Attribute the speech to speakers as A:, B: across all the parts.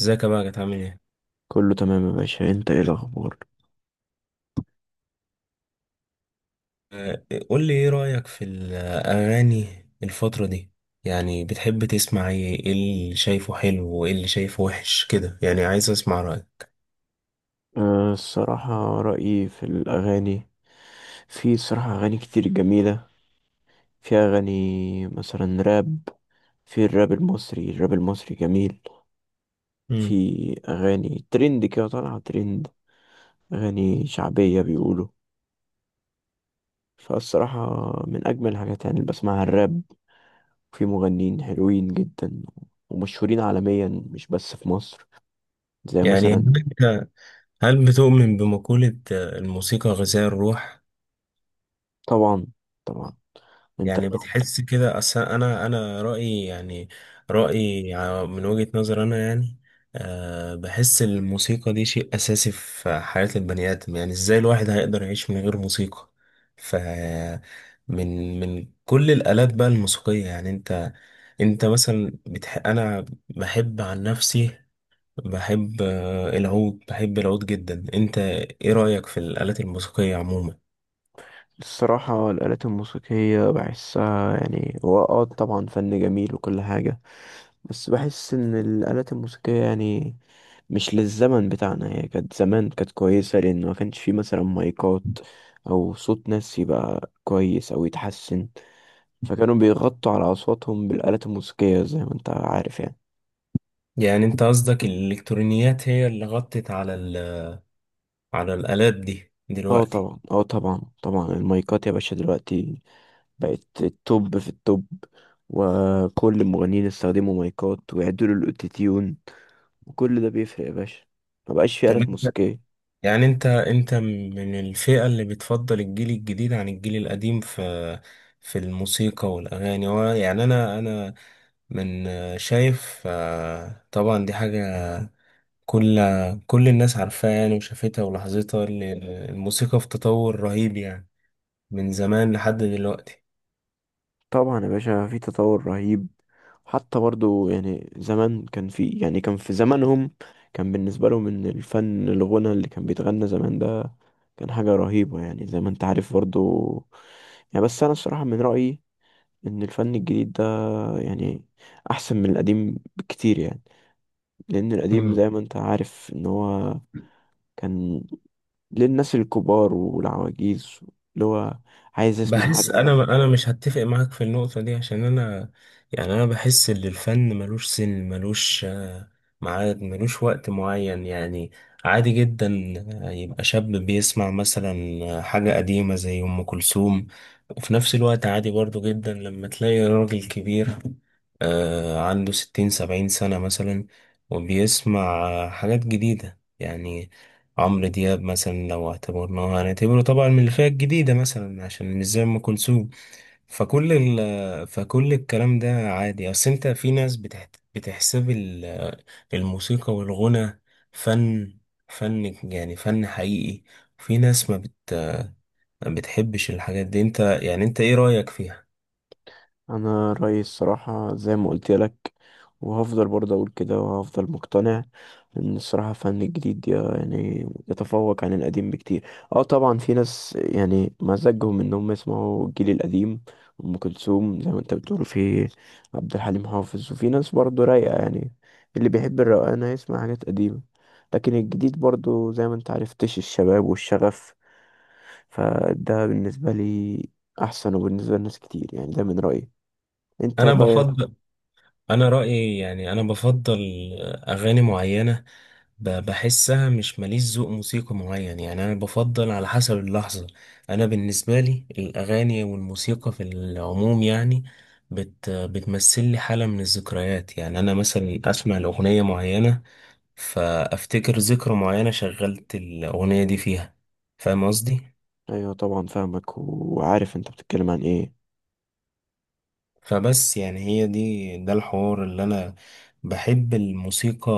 A: ازيك يا بقى عامل ايه؟
B: كله تمام يا باشا، انت ايه الاخبار؟
A: آه، قول لي ايه رأيك في الأغاني الفترة دي؟ يعني بتحب تسمع ايه؟ ايه اللي شايفه حلو وايه اللي شايفه وحش كده؟ يعني عايز اسمع رأيك.
B: الصراحة رأيي في الأغاني، في صراحة أغاني كتير جميلة. في أغاني مثلا راب. في الراب المصري الراب المصري جميل. في
A: مم.
B: أغاني ترند كده، طالعة ترند، أغاني شعبية بيقولوا. فالصراحة من أجمل الحاجات يعني اللي بسمعها الراب. في مغنيين حلوين جدا ومشهورين عالميا، مش بس في مصر. زي
A: يعني
B: مثلا.
A: هل بتؤمن بمقولة الموسيقى غذاء الروح.
B: طبعا، طبعا. انت
A: يعني بتحس كده، اصل انا رأيي يعني رأيي من وجهة نظر انا يعني أه بحس الموسيقى دي شيء اساسي في حياة البني ادم، يعني ازاي الواحد هيقدر يعيش من غير موسيقى. ف من كل الآلات بقى الموسيقية، يعني انت انا بحب عن نفسي، بحب العود، بحب العود جدا. انت ايه رأيك في الآلات الموسيقية عموما؟
B: الصراحة الآلات الموسيقية بحسها يعني هو طبعا فن جميل وكل حاجة، بس بحس إن الآلات الموسيقية يعني مش للزمن بتاعنا. هي كانت زمان كانت كويسة لأن ما كانش فيه مثلا مايكات أو صوت ناس يبقى كويس أو يتحسن، فكانوا بيغطوا على أصواتهم بالآلات الموسيقية زي ما أنت عارف يعني.
A: يعني انت قصدك الالكترونيات هي اللي غطت على الآلات دي
B: اه
A: دلوقتي.
B: طبعا، اه طبعا طبعا. المايكات يا باشا دلوقتي بقت التوب في التوب، وكل المغنيين استخدموا مايكات ويعدلوا الاوتوتيون، وكل ده بيفرق يا باشا. مبقاش في آلات
A: تمام.
B: موسيقية.
A: يعني انت من الفئة اللي بتفضل الجيل الجديد عن الجيل القديم في في الموسيقى والأغاني. هو يعني انا من شايف طبعا دي حاجة كل كل الناس عارفاها يعني وشافتها ولاحظتها، الموسيقى في تطور رهيب يعني من زمان لحد دلوقتي.
B: طبعا يا باشا في تطور رهيب. حتى برضو يعني زمان كان في يعني كان في زمانهم كان بالنسبة لهم ان الفن الغنى اللي كان بيتغنى زمان ده كان حاجة رهيبة، يعني زي ما انت عارف برضو. يعني بس انا الصراحة من رأيي ان الفن الجديد ده يعني احسن من القديم بكتير، يعني لان القديم
A: مم.
B: زي ما انت عارف ان هو كان للناس الكبار والعواجيز، اللي هو عايز يسمع
A: بحس
B: حاجة.
A: انا مش هتفق معاك في النقطة دي، عشان انا يعني انا بحس ان الفن ملوش سن، ملوش ميعاد، ملوش وقت معين يعني. عادي جدا يبقى شاب بيسمع مثلا حاجة قديمة زي ام كلثوم، وفي نفس الوقت عادي برضو جدا لما تلاقي راجل كبير عنده ستين سبعين سنة مثلا وبيسمع حاجات جديدة يعني. عمرو دياب مثلا لو اعتبرناه هنعتبره طبعا من الفئة الجديدة مثلا عشان مش زي أم كلثوم. فكل فكل الكلام ده عادي. أصل أنت في ناس بتحسب الموسيقى والغنى فن فن يعني فن حقيقي. في ناس ما بتحبش الحاجات دي. أنت يعني أنت إيه رأيك فيها؟
B: أنا رأيي الصراحة زي ما قلت لك، وهفضل برضه أقول كده وهفضل مقتنع إن الصراحة فن جديد يعني يتفوق عن القديم بكتير. اه طبعا في ناس يعني مزاجهم إنهم يسمعوا الجيل القديم، أم كلثوم زي ما انت بتقول، في عبد الحليم حافظ. وفي ناس برضه رايقة يعني، اللي بيحب الروقان هيسمع حاجات قديمة. لكن الجديد برضه زي ما انت عرفتش الشباب والشغف، فده بالنسبة لي أحسن وبالنسبة لناس كتير. يعني ده من رأيي، أنت
A: أنا
B: رأيك.
A: بفضل أنا رأيي يعني أنا بفضل أغاني معينة، بحسها مش. ماليش ذوق موسيقي معين، يعني انا بفضل على حسب اللحظة. انا بالنسبة لي الاغاني والموسيقى في العموم يعني بتمثل لي حالة من الذكريات، يعني انا مثلا اسمع الاغنية معينة فافتكر ذكرى معينة شغلت الاغنية دي فيها. فاهم قصدي؟
B: أيوة طبعا فاهمك وعارف أنت بتتكلم عن إيه.
A: فبس يعني هي دي ده الحوار اللي انا بحب الموسيقى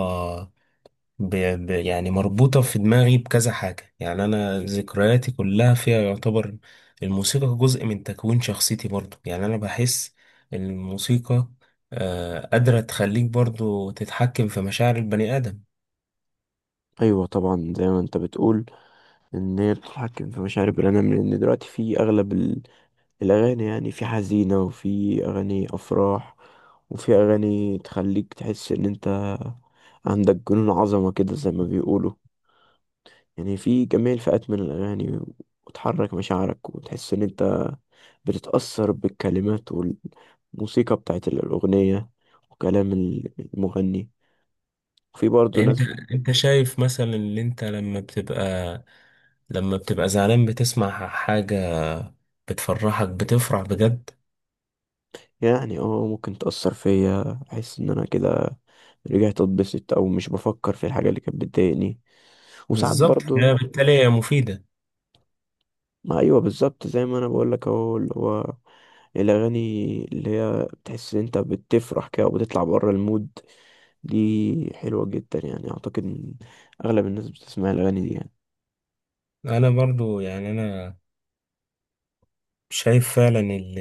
A: ب... يعني مربوطة في دماغي بكذا حاجة يعني، أنا ذكرياتي كلها فيها. يعتبر الموسيقى جزء من تكوين شخصيتي برضو يعني. أنا بحس إن الموسيقى آه قادرة تخليك برضو تتحكم في مشاعر البني آدم.
B: أيوة طبعا زي ما أنت بتقول إن هي بتتحكم في مشاعر البني آدم، لأن دلوقتي في أغلب الأغاني يعني في حزينة وفي أغاني أفراح، وفي أغاني تخليك تحس إن أنت عندك جنون عظمة كده زي ما بيقولوا. يعني في جميع الفئات من الأغاني، وتحرك مشاعرك وتحس إن أنت بتتأثر بالكلمات والموسيقى بتاعت الأغنية وكلام المغني. وفي برضه
A: أنت
B: ناس
A: أنت شايف مثلا إن أنت لما بتبقى زعلان بتسمع حاجة بتفرحك، بتفرح بجد؟
B: يعني ممكن تأثر فيا، أحس إن أنا كده رجعت أتبسط أو مش بفكر في الحاجة اللي كانت بتضايقني. وساعات
A: بالظبط، هي
B: برضه.
A: بالتالي هي مفيدة.
B: ما أيوه بالظبط زي ما أنا بقولك أهو، اللي هو الأغاني اللي هي بتحس إن أنت بتفرح كده وبتطلع بره المود، دي حلوة جدا. يعني أعتقد إن أغلب الناس بتسمع الأغاني دي يعني.
A: أنا برضو يعني أنا شايف فعلا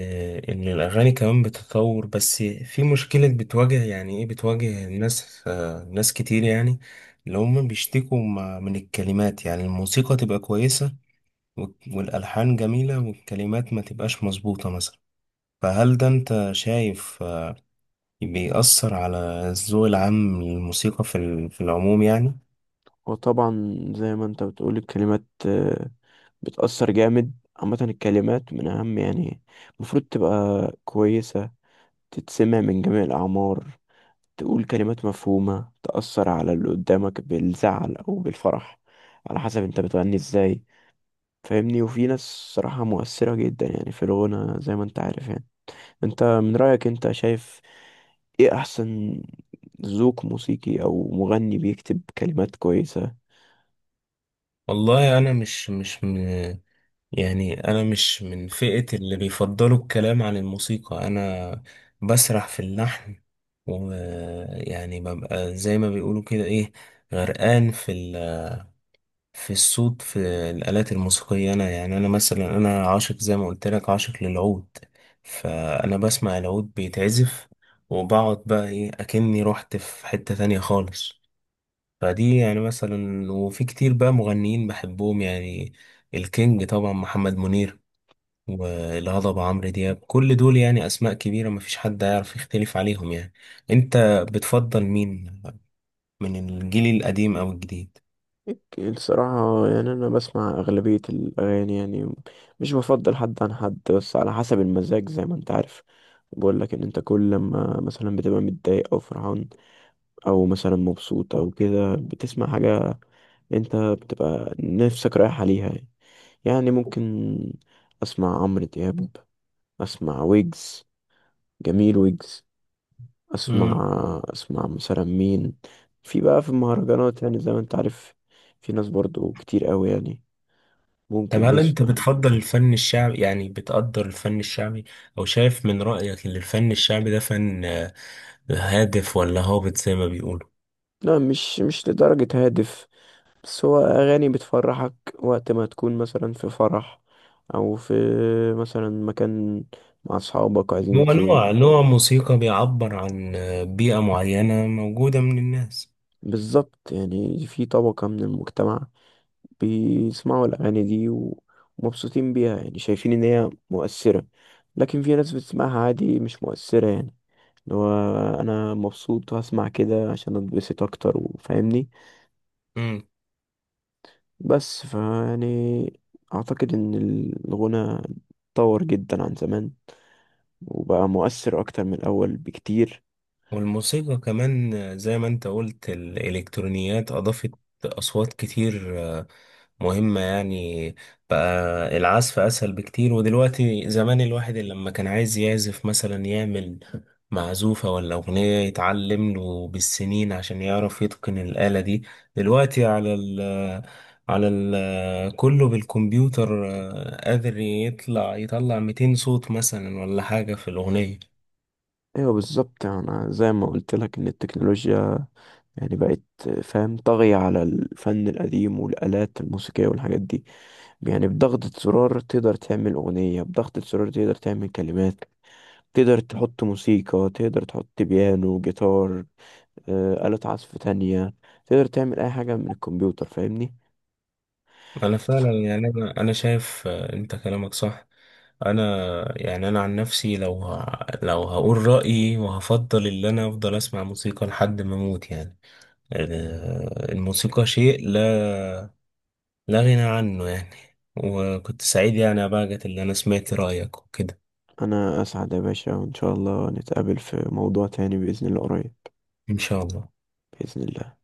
A: ان الاغاني كمان بتتطور، بس في مشكلة بتواجه يعني ايه، بتواجه الناس ناس كتير يعني اللي هم بيشتكوا من الكلمات. يعني الموسيقى تبقى كويسة والالحان جميلة والكلمات ما تبقاش مظبوطة مثلا. فهل ده انت شايف بيأثر على الذوق العام للموسيقى في في العموم يعني؟
B: وطبعا زي ما انت بتقول الكلمات بتأثر جامد. عامة الكلمات من أهم يعني، المفروض تبقى كويسة، تتسمع من جميع الأعمار، تقول كلمات مفهومة، تأثر على اللي قدامك بالزعل أو بالفرح على حسب انت بتغني ازاي. فاهمني؟ وفي ناس صراحة مؤثرة جدا يعني في الغنى زي ما انت عارف يعني. انت من رأيك انت شايف ايه أحسن ذوق موسيقي، أو مغني بيكتب كلمات كويسة؟
A: والله انا مش مش م- يعني أنا مش من فئة اللي بيفضلوا الكلام عن الموسيقى، أنا بسرح في اللحن ويعني ببقى زي ما بيقولوا كده إيه، غرقان في الصوت، في الآلات الموسيقية. أنا يعني أنا مثلا أنا عاشق زي ما قلت لك، عاشق للعود. فأنا بسمع العود بيتعزف وبقعد بقى إيه أكني رحت في حتة تانية خالص. فدي يعني مثلا. وفي كتير بقى مغنيين بحبهم يعني، الكينج طبعا محمد منير، والهضبة عمرو دياب، كل دول يعني أسماء كبيرة مفيش حد هيعرف يختلف عليهم يعني. أنت بتفضل مين، من الجيل القديم أو الجديد؟
B: اوكي، الصراحة يعني أنا بسمع أغلبية الأغاني يعني، مش بفضل حد عن حد، بس على حسب المزاج زي ما أنت عارف. بقول لك إن أنت كل لما مثلا بتبقى متضايق أو فرحان أو مثلا مبسوط أو كده، بتسمع حاجة أنت بتبقى نفسك رايح عليها يعني. يعني ممكن أسمع عمرو دياب، أسمع ويجز، جميل ويجز. أسمع،
A: مم.
B: أسمع مثلا مين، في بقى في المهرجانات يعني زي ما أنت عارف، في ناس برضو كتير قوي يعني
A: طب
B: ممكن
A: هل أنت
B: نسمع.
A: بتفضل الفن الشعبي، يعني بتقدر الفن الشعبي، أو شايف من رأيك إن الفن الشعبي ده فن هادف ولا هابط زي ما بيقولوا؟
B: لا، مش مش لدرجة هادف، بس هو أغاني بتفرحك وقت ما تكون مثلا في فرح أو في مثلا مكان مع أصحابك
A: هو
B: عايزين ت...
A: نوع موسيقى بيعبر عن بيئة معينة موجودة من الناس.
B: بالظبط، يعني في طبقة من المجتمع بيسمعوا الأغاني دي ومبسوطين بيها، يعني شايفين إن هي مؤثرة. لكن في ناس بتسمعها عادي مش مؤثرة يعني، اللي هو أنا مبسوط وهسمع كده عشان أتبسط أكتر، وفاهمني. بس فيعني أعتقد إن الغنى اتطور جدا عن زمان، وبقى مؤثر أكتر من الأول بكتير.
A: والموسيقى كمان زي ما انت قلت الإلكترونيات أضافت أصوات كتير مهمة يعني. بقى العزف أسهل بكتير. ودلوقتي زمان الواحد اللي لما كان عايز يعزف مثلا يعمل معزوفة ولا أغنية يتعلم له بالسنين عشان يعرف يتقن الآلة دي. دلوقتي على ال كله بالكمبيوتر قادر يطلع 200 صوت مثلا ولا حاجة في الأغنية.
B: أيوة بالظبط، أنا زي ما قلت لك إن التكنولوجيا يعني بقت فاهم طاغية على الفن القديم والآلات الموسيقية والحاجات دي. يعني بضغطة زرار تقدر تعمل أغنية، بضغطة زرار تقدر تعمل كلمات، تقدر تحط موسيقى، تقدر تحط بيانو، جيتار، آه، آلة عزف تانية. تقدر تعمل أي حاجة من الكمبيوتر، فاهمني.
A: انا فعلا يعني انا شايف انت كلامك صح. انا يعني انا عن نفسي لو هقول رايي، وهفضل ان انا افضل اسمع موسيقى لحد ما اموت يعني. الموسيقى شيء لا غنى عنه يعني. وكنت سعيد يعني يا باجت اللي انا سمعت رايك وكده.
B: أنا أسعد يا باشا، وإن شاء الله نتقابل في موضوع تاني بإذن الله قريب.
A: ان شاء الله.
B: بإذن الله.